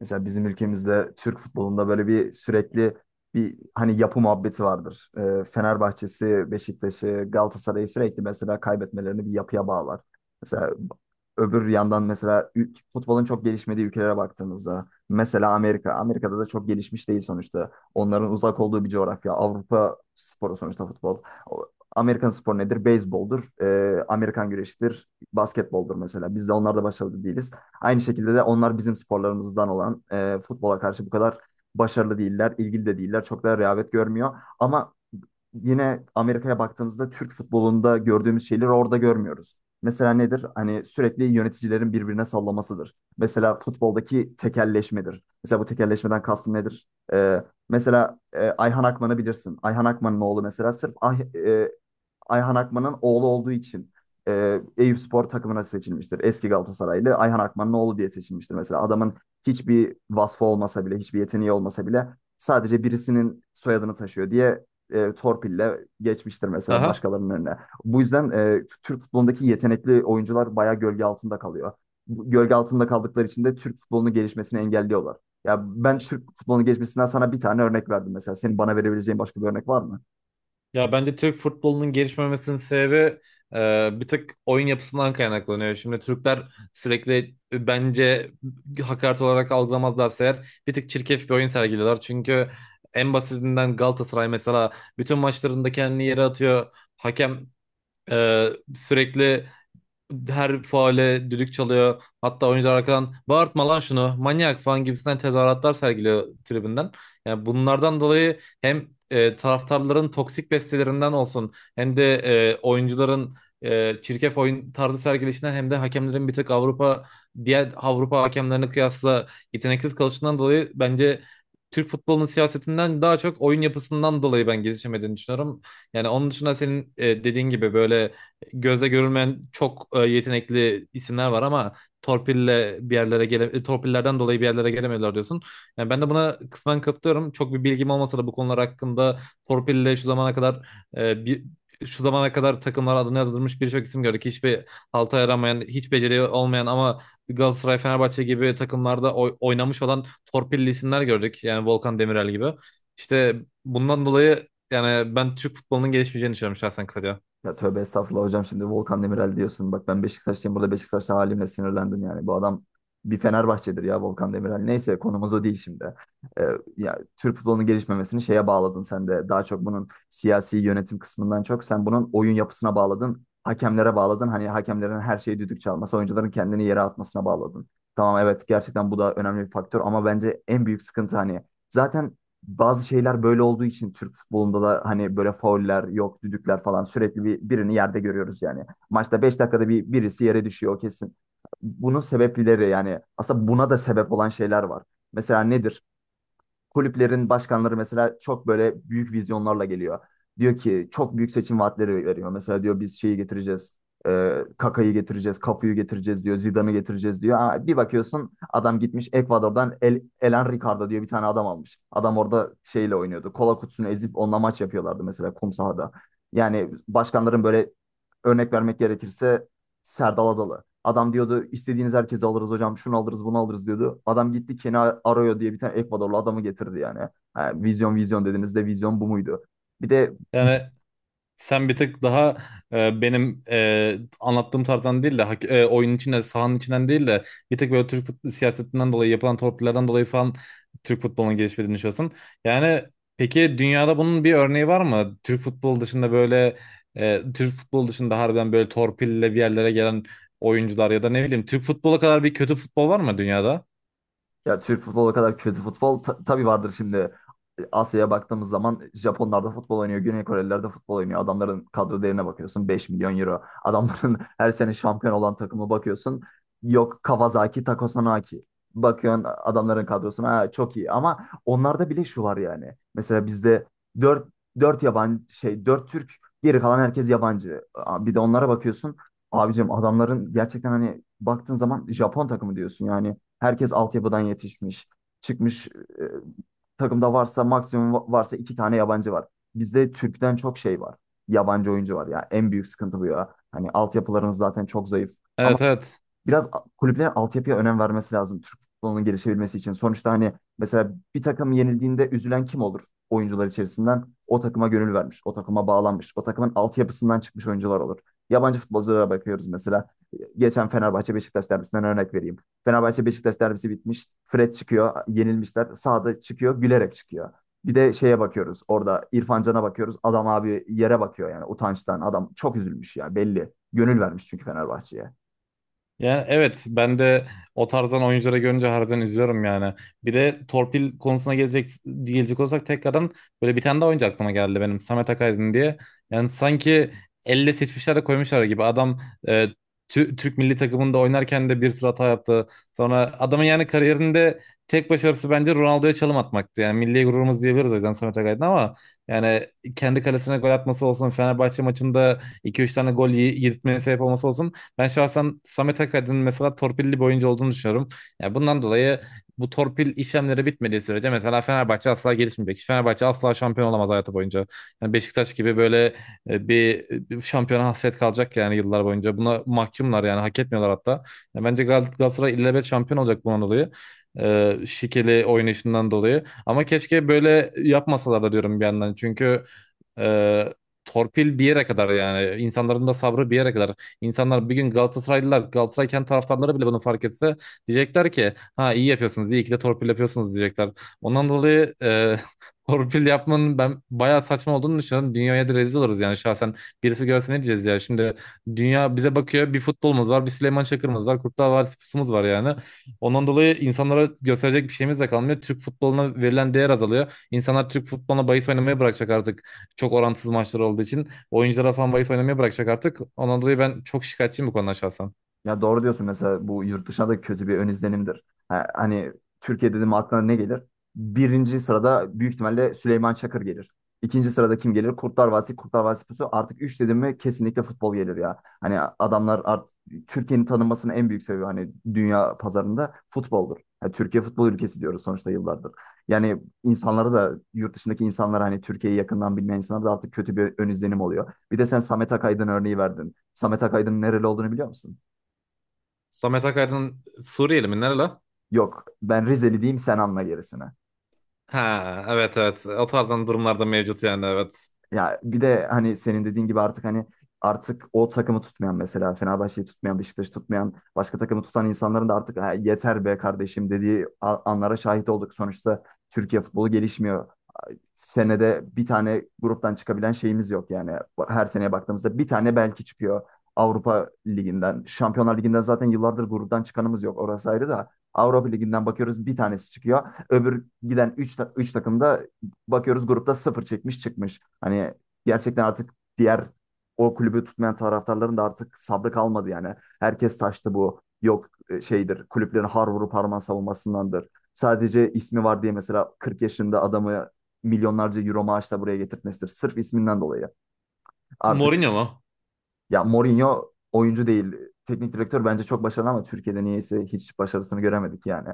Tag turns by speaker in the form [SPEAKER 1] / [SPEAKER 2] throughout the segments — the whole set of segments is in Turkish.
[SPEAKER 1] Mesela bizim ülkemizde Türk futbolunda böyle bir sürekli bir hani yapı muhabbeti vardır. Fenerbahçe'si, Beşiktaş'ı, Galatasaray'ı sürekli mesela kaybetmelerini bir yapıya bağlar. Mesela öbür yandan mesela futbolun çok gelişmediği ülkelere baktığımızda mesela Amerika. Amerika'da da çok gelişmiş değil sonuçta. Onların uzak olduğu bir coğrafya. Avrupa sporu sonuçta futbol. Amerikan sporu nedir? Beyzboldur. Amerikan güreşidir. Basketboldur mesela. Biz de onlarda başarılı değiliz. Aynı şekilde de onlar bizim sporlarımızdan olan futbola karşı bu kadar başarılı değiller, ilgili de değiller. Çok da rehavet görmüyor. Ama yine Amerika'ya baktığımızda Türk futbolunda gördüğümüz şeyleri orada görmüyoruz. Mesela nedir? Hani sürekli yöneticilerin birbirine sallamasıdır. Mesela futboldaki tekelleşmedir. Mesela bu tekelleşmeden kastım nedir? Mesela Ayhan Akman'ı bilirsin. Ayhan Akman'ın oğlu mesela sırf Ayhan Akman'ın oğlu olduğu için Eyüpspor takımına seçilmiştir. Eski Galatasaraylı Ayhan Akman'ın oğlu diye seçilmiştir. Mesela adamın hiçbir vasfı olmasa bile, hiçbir yeteneği olmasa bile sadece birisinin soyadını taşıyor diye torpille geçmiştir mesela
[SPEAKER 2] Aha.
[SPEAKER 1] başkalarının önüne. Bu yüzden Türk futbolundaki yetenekli oyuncular bayağı gölge altında kalıyor. Gölge altında kaldıkları için de Türk futbolunun gelişmesini engelliyorlar. Ya ben Türk futbolunun gelişmesinden sana bir tane örnek verdim mesela. Senin bana verebileceğin başka bir örnek var mı?
[SPEAKER 2] Ya bence Türk futbolunun gelişmemesinin sebebi bir tık oyun yapısından kaynaklanıyor. Şimdi Türkler sürekli bence hakaret olarak algılamazlarsa eğer bir tık çirkef bir oyun sergiliyorlar. Çünkü en basitinden Galatasaray mesela bütün maçlarında kendini yere atıyor. Hakem e, sürekli her faale düdük çalıyor. Hatta oyuncular arkadan bağırtma lan şunu manyak falan gibisinden tezahüratlar sergiliyor tribünden. Yani bunlardan dolayı hem taraftarların toksik bestelerinden olsun hem de oyuncuların çirkef oyun tarzı sergilişinden hem de hakemlerin bir tık diğer Avrupa hakemlerine kıyasla yeteneksiz kalışından dolayı bence Türk futbolunun siyasetinden daha çok oyun yapısından dolayı ben gelişemediğini düşünüyorum. Yani onun dışında senin dediğin gibi böyle gözle görülmeyen çok yetenekli isimler var ama torpillerden dolayı bir yerlere gelemiyorlar diyorsun. Yani ben de buna kısmen katılıyorum. Çok bir bilgim olmasa da bu konular hakkında torpille şu zamana kadar e, bir şu zamana kadar takımlara adını yazdırmış birçok isim gördük. Hiçbir halta yaramayan, hiç beceri olmayan ama Galatasaray, Fenerbahçe gibi takımlarda oynamış olan torpilli isimler gördük. Yani Volkan Demirel gibi. İşte bundan dolayı yani ben Türk futbolunun gelişmeyeceğini düşünüyorum şahsen kısaca.
[SPEAKER 1] Ya tövbe estağfurullah hocam şimdi Volkan Demirel diyorsun. Bak ben Beşiktaşlıyım, burada Beşiktaşlı halimle sinirlendim yani. Bu adam bir Fenerbahçe'dir ya, Volkan Demirel. Neyse, konumuz o değil şimdi. Ee, ya Türk futbolunun gelişmemesini şeye bağladın sen de. Daha çok bunun siyasi yönetim kısmından çok sen bunun oyun yapısına bağladın. Hakemlere bağladın. Hani hakemlerin her şeyi düdük çalması, oyuncuların kendini yere atmasına bağladın. Tamam, evet, gerçekten bu da önemli bir faktör, ama bence en büyük sıkıntı hani zaten bazı şeyler böyle olduğu için Türk futbolunda da hani böyle fauller yok, düdükler falan sürekli birini yerde görüyoruz yani. Maçta 5 dakikada bir birisi yere düşüyor kesin. Bunun sebepleri yani aslında buna da sebep olan şeyler var. Mesela nedir? Kulüplerin başkanları mesela çok böyle büyük vizyonlarla geliyor. Diyor ki çok büyük seçim vaatleri veriyor. Mesela diyor biz şeyi getireceğiz. Kaka'yı getireceğiz, Kafu'yu getireceğiz diyor, Zidane'ı getireceğiz diyor. Bir bakıyorsun adam gitmiş Ekvador'dan Elan Ricardo diye bir tane adam almış. Adam orada şeyle oynuyordu. Kola kutusunu ezip onunla maç yapıyorlardı mesela, kum sahada. Yani başkanların böyle, örnek vermek gerekirse, Serdal Adalı. Adam diyordu istediğiniz herkesi alırız hocam, şunu alırız bunu alırız diyordu. Adam gitti Kenny Arroyo diye bir tane Ekvadorlu adamı getirdi yani. Ha, vizyon vizyon dediniz de, vizyon bu muydu? Bir de
[SPEAKER 2] Yani sen bir tık daha benim anlattığım tarzdan değil de oyunun içinde sahanın içinden değil de bir tık böyle siyasetinden dolayı yapılan torpillerden dolayı falan Türk futbolunun gelişmediğini düşünüyorsun. Yani peki dünyada bunun bir örneği var mı? Türk futbolu dışında harbiden böyle torpille bir yerlere gelen oyuncular ya da ne bileyim Türk futbolu kadar bir kötü futbol var mı dünyada?
[SPEAKER 1] ya, Türk futbolu kadar kötü futbol tabii vardır şimdi. Asya'ya baktığımız zaman Japonlar da futbol oynuyor, Güney Koreliler de futbol oynuyor. Adamların kadro değerine bakıyorsun 5 milyon euro. Adamların her sene şampiyon olan takımı bakıyorsun. Yok Kawasaki, Takasaki. Bakıyorsun adamların kadrosuna, ha, çok iyi, ama onlarda bile şu var yani. Mesela bizde 4 4 yabancı şey 4 Türk, geri kalan herkes yabancı. Bir de onlara bakıyorsun. Abicim adamların gerçekten hani baktığın zaman Japon takımı diyorsun. Yani herkes altyapıdan yetişmiş. Çıkmış, e, takımda varsa maksimum varsa iki tane yabancı var. Bizde Türk'ten çok şey var. Yabancı oyuncu var ya. En büyük sıkıntı bu ya. Hani altyapılarımız zaten çok zayıf. Ama
[SPEAKER 2] Evet, evet.
[SPEAKER 1] biraz kulüplerin altyapıya önem vermesi lazım Türk futbolunun gelişebilmesi için. Sonuçta hani mesela bir takım yenildiğinde üzülen kim olur oyuncular içerisinden? O takıma gönül vermiş, o takıma bağlanmış, o takımın altyapısından çıkmış oyuncular olur. Yabancı futbolculara bakıyoruz mesela. Geçen Fenerbahçe Beşiktaş derbisinden örnek vereyim. Fenerbahçe Beşiktaş derbisi bitmiş. Fred çıkıyor, yenilmişler. Sağda çıkıyor, gülerek çıkıyor. Bir de şeye bakıyoruz. Orada İrfan Can'a bakıyoruz. Adam, abi, yere bakıyor yani utançtan. Adam çok üzülmüş ya, belli. Gönül vermiş çünkü Fenerbahçe'ye.
[SPEAKER 2] Yani evet, ben de o tarzdan oyuncuları görünce harbiden üzülüyorum yani. Bir de torpil konusuna gelecek olsak tekrardan böyle bir tane daha oyuncu aklıma geldi benim Samet Akaydın diye. Yani sanki elle seçmişler de koymuşlar gibi. Adam e, Türk milli takımında oynarken de bir sürü hata yaptı. Sonra adamın yani kariyerinde tek başarısı bence Ronaldo'ya çalım atmaktı. Yani milli gururumuz diyebiliriz o yüzden Samet Akaydın ama yani kendi kalesine gol atması olsun, Fenerbahçe maçında iki üç tane gol yedirtmeye sebep olması olsun, ben şahsen Samet Akaydın'ın mesela torpilli bir oyuncu olduğunu düşünüyorum. Yani bundan dolayı bu torpil işlemleri bitmediği sürece mesela Fenerbahçe asla gelişmeyecek. Fenerbahçe asla şampiyon olamaz hayatı boyunca. Yani Beşiktaş gibi böyle bir şampiyona hasret kalacak yani yıllar boyunca. Buna mahkumlar yani, hak etmiyorlar hatta. Yani bence Galatasaray illebet şampiyon olacak bundan dolayı. Şikeli oynayışından dolayı. Ama keşke böyle yapmasalar da diyorum bir yandan. Çünkü e, torpil bir yere kadar, yani insanların da sabrı bir yere kadar. İnsanlar bir gün, Galatasaraylılar, Galatasaray kendi taraftarları bile bunu fark etse, diyecekler ki ha iyi yapıyorsunuz, iyi ki de torpil yapıyorsunuz diyecekler. Ondan dolayı torpil yapmanın ben bayağı saçma olduğunu düşünüyorum. Dünyaya da rezil oluruz yani şahsen. Birisi görse ne diyeceğiz ya? Şimdi dünya bize bakıyor. Bir futbolumuz var, bir Süleyman Çakır'ımız var, Kurtlar Vadisi'miz var yani. Ondan dolayı insanlara gösterecek bir şeyimiz de kalmıyor. Türk futboluna verilen değer azalıyor. İnsanlar Türk futboluna bahis oynamayı bırakacak artık. Çok orantısız maçlar olduğu için. Oyunculara falan bahis oynamaya bırakacak artık. Ondan dolayı ben çok şikayetçiyim bu konuda şahsen.
[SPEAKER 1] Ya doğru diyorsun, mesela bu yurt dışına da kötü bir ön izlenimdir. Ha, hani Türkiye dedim aklına ne gelir? Birinci sırada büyük ihtimalle Süleyman Çakır gelir. İkinci sırada kim gelir? Kurtlar Vadisi Pusu. Artık üç dedim mi kesinlikle futbol gelir ya. Hani adamlar artık Türkiye'nin tanınmasının en büyük sebebi hani dünya pazarında futboldur. Yani Türkiye futbol ülkesi diyoruz sonuçta yıllardır. Yani insanlara da, yurt dışındaki insanlara, hani Türkiye'yi yakından bilmeyen insanlara da artık kötü bir ön izlenim oluyor. Bir de sen Samet Akaydın örneği verdin. Samet Akaydın nereli olduğunu biliyor musun?
[SPEAKER 2] Samet Akaydın Suriyeli mi? Nereli?
[SPEAKER 1] Yok, ben Rizeli diyeyim, sen anla gerisini.
[SPEAKER 2] Ha, evet evet. O tarzdan durumlarda mevcut yani, evet.
[SPEAKER 1] Ya bir de hani senin dediğin gibi artık hani artık o takımı tutmayan, mesela Fenerbahçe'yi tutmayan, Beşiktaş'ı tutmayan, başka takımı tutan insanların da artık "Ha, yeter be kardeşim" dediği anlara şahit olduk. Sonuçta Türkiye futbolu gelişmiyor. Senede bir tane gruptan çıkabilen şeyimiz yok yani. Her seneye baktığımızda bir tane belki çıkıyor Avrupa Ligi'nden. Şampiyonlar Ligi'nden zaten yıllardır gruptan çıkanımız yok. Orası ayrı da Avrupa Ligi'nden bakıyoruz bir tanesi çıkıyor. Öbür giden 3 takımda bakıyoruz grupta sıfır çekmiş çıkmış. Hani gerçekten artık diğer, o kulübü tutmayan taraftarların da artık sabrı kalmadı yani. Herkes taştı bu. Yok, şeydir, kulüplerin har vurup harman savunmasındandır, sadece ismi var diye mesela 40 yaşında adamı milyonlarca euro maaşla buraya getirtmesidir. Sırf isminden dolayı. Artık
[SPEAKER 2] Mourinho mu?
[SPEAKER 1] ya, Mourinho oyuncu değil, teknik direktör bence çok başarılı, ama Türkiye'de niyeyse hiç başarısını göremedik yani.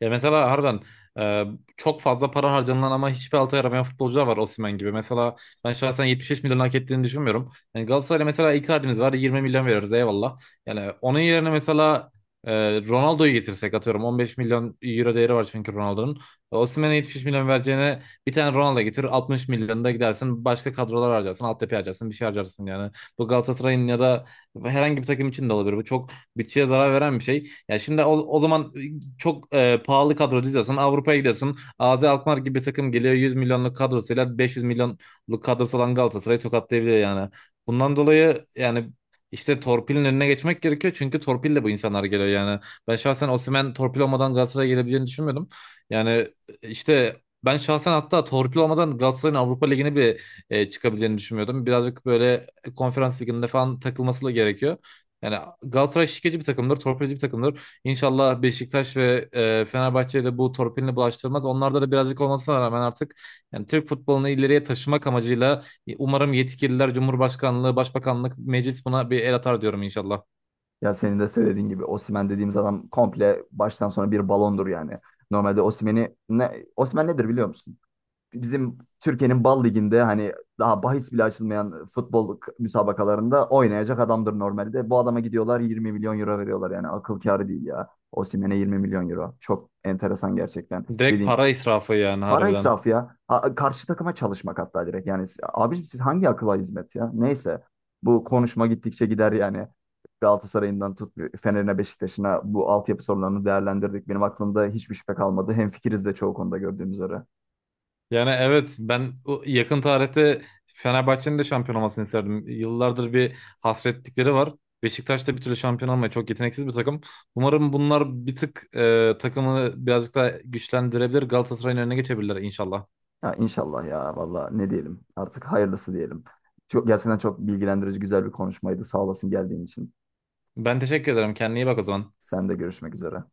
[SPEAKER 2] Ya mesela harbiden e, çok fazla para harcanılan ama hiçbir alta yaramayan futbolcular var Osimhen gibi. Mesela ben şahsen 75 milyon hak ettiğini düşünmüyorum. Yani Galatasaray'la mesela Icardi'miz var, 20 milyon veririz eyvallah. Yani onun yerine mesela e, Ronaldo'yu getirsek atıyorum 15 milyon euro değeri var çünkü Ronaldo'nun. Osimhen'e 75 milyon vereceğine bir tane Ronaldo getir, 60 milyonu da gidersin, başka kadrolar harcarsın, altyapı harcarsın, bir şey harcarsın yani. Bu Galatasaray'ın ya da herhangi bir takım için de olabilir. Bu çok bütçeye zarar veren bir şey. Ya şimdi o zaman çok pahalı kadro diziyorsun. Avrupa'ya gidiyorsun. AZ Alkmaar gibi bir takım geliyor 100 milyonluk kadrosuyla 500 milyonluk kadrosu olan Galatasaray'ı tokatlayabiliyor yani. Bundan dolayı yani işte torpilin önüne geçmek gerekiyor. Çünkü torpille bu insanlar geliyor yani. Ben şahsen Osimhen torpil olmadan Galatasaray'a gelebileceğini düşünmüyordum. Yani e, işte ben şahsen hatta torpil olmadan Galatasaray'ın Avrupa Ligi'ne çıkabileceğini düşünmüyordum. Birazcık böyle konferans liginde falan takılması da gerekiyor. Yani Galatasaray şişkeci bir takımdır, torpilci bir takımdır. İnşallah Beşiktaş ve Fenerbahçe'ye de bu torpilini bulaştırmaz. Onlarda da birazcık olmasına rağmen artık yani Türk futbolunu ileriye taşımak amacıyla umarım yetkililer, Cumhurbaşkanlığı, Başbakanlık, Meclis buna bir el atar diyorum inşallah.
[SPEAKER 1] Ya senin de söylediğin gibi, Osimhen dediğimiz adam komple baştan sona bir balondur yani. Normalde Osimhen'i ne, Osimhen nedir biliyor musun? Bizim Türkiye'nin Bal Ligi'nde hani daha bahis bile açılmayan futbol müsabakalarında oynayacak adamdır normalde. Bu adama gidiyorlar 20 milyon euro veriyorlar yani, akıl kârı değil ya. Osimhen'e 20 milyon euro. Çok enteresan gerçekten.
[SPEAKER 2] Direkt
[SPEAKER 1] Dediğin,
[SPEAKER 2] para israfı yani
[SPEAKER 1] para
[SPEAKER 2] harbiden.
[SPEAKER 1] israfı ya. Ha, karşı takıma çalışmak hatta direkt. Yani abiciğim siz hangi akıla hizmet ya? Neyse, bu konuşma gittikçe gider yani. Galatasaray'ından tut Fener'ine Beşiktaş'ına bu altyapı sorunlarını değerlendirdik. Benim aklımda hiçbir şüphe kalmadı. Hemfikiriz de çoğu konuda gördüğümüz üzere.
[SPEAKER 2] Yani evet, ben o yakın tarihte Fenerbahçe'nin de şampiyon olmasını isterdim. Yıllardır bir hasretlikleri var. Beşiktaş da bir türlü şampiyon olmuyor. Çok yeteneksiz bir takım. Umarım bunlar bir tık takımı birazcık daha güçlendirebilir. Galatasaray'ın önüne geçebilirler inşallah.
[SPEAKER 1] Ya inşallah ya, valla ne diyelim, artık hayırlısı diyelim. Çok, gerçekten çok bilgilendirici güzel bir konuşmaydı. Sağ olasın geldiğin için.
[SPEAKER 2] Ben teşekkür ederim. Kendine iyi bak o zaman.
[SPEAKER 1] Sen de görüşmek üzere.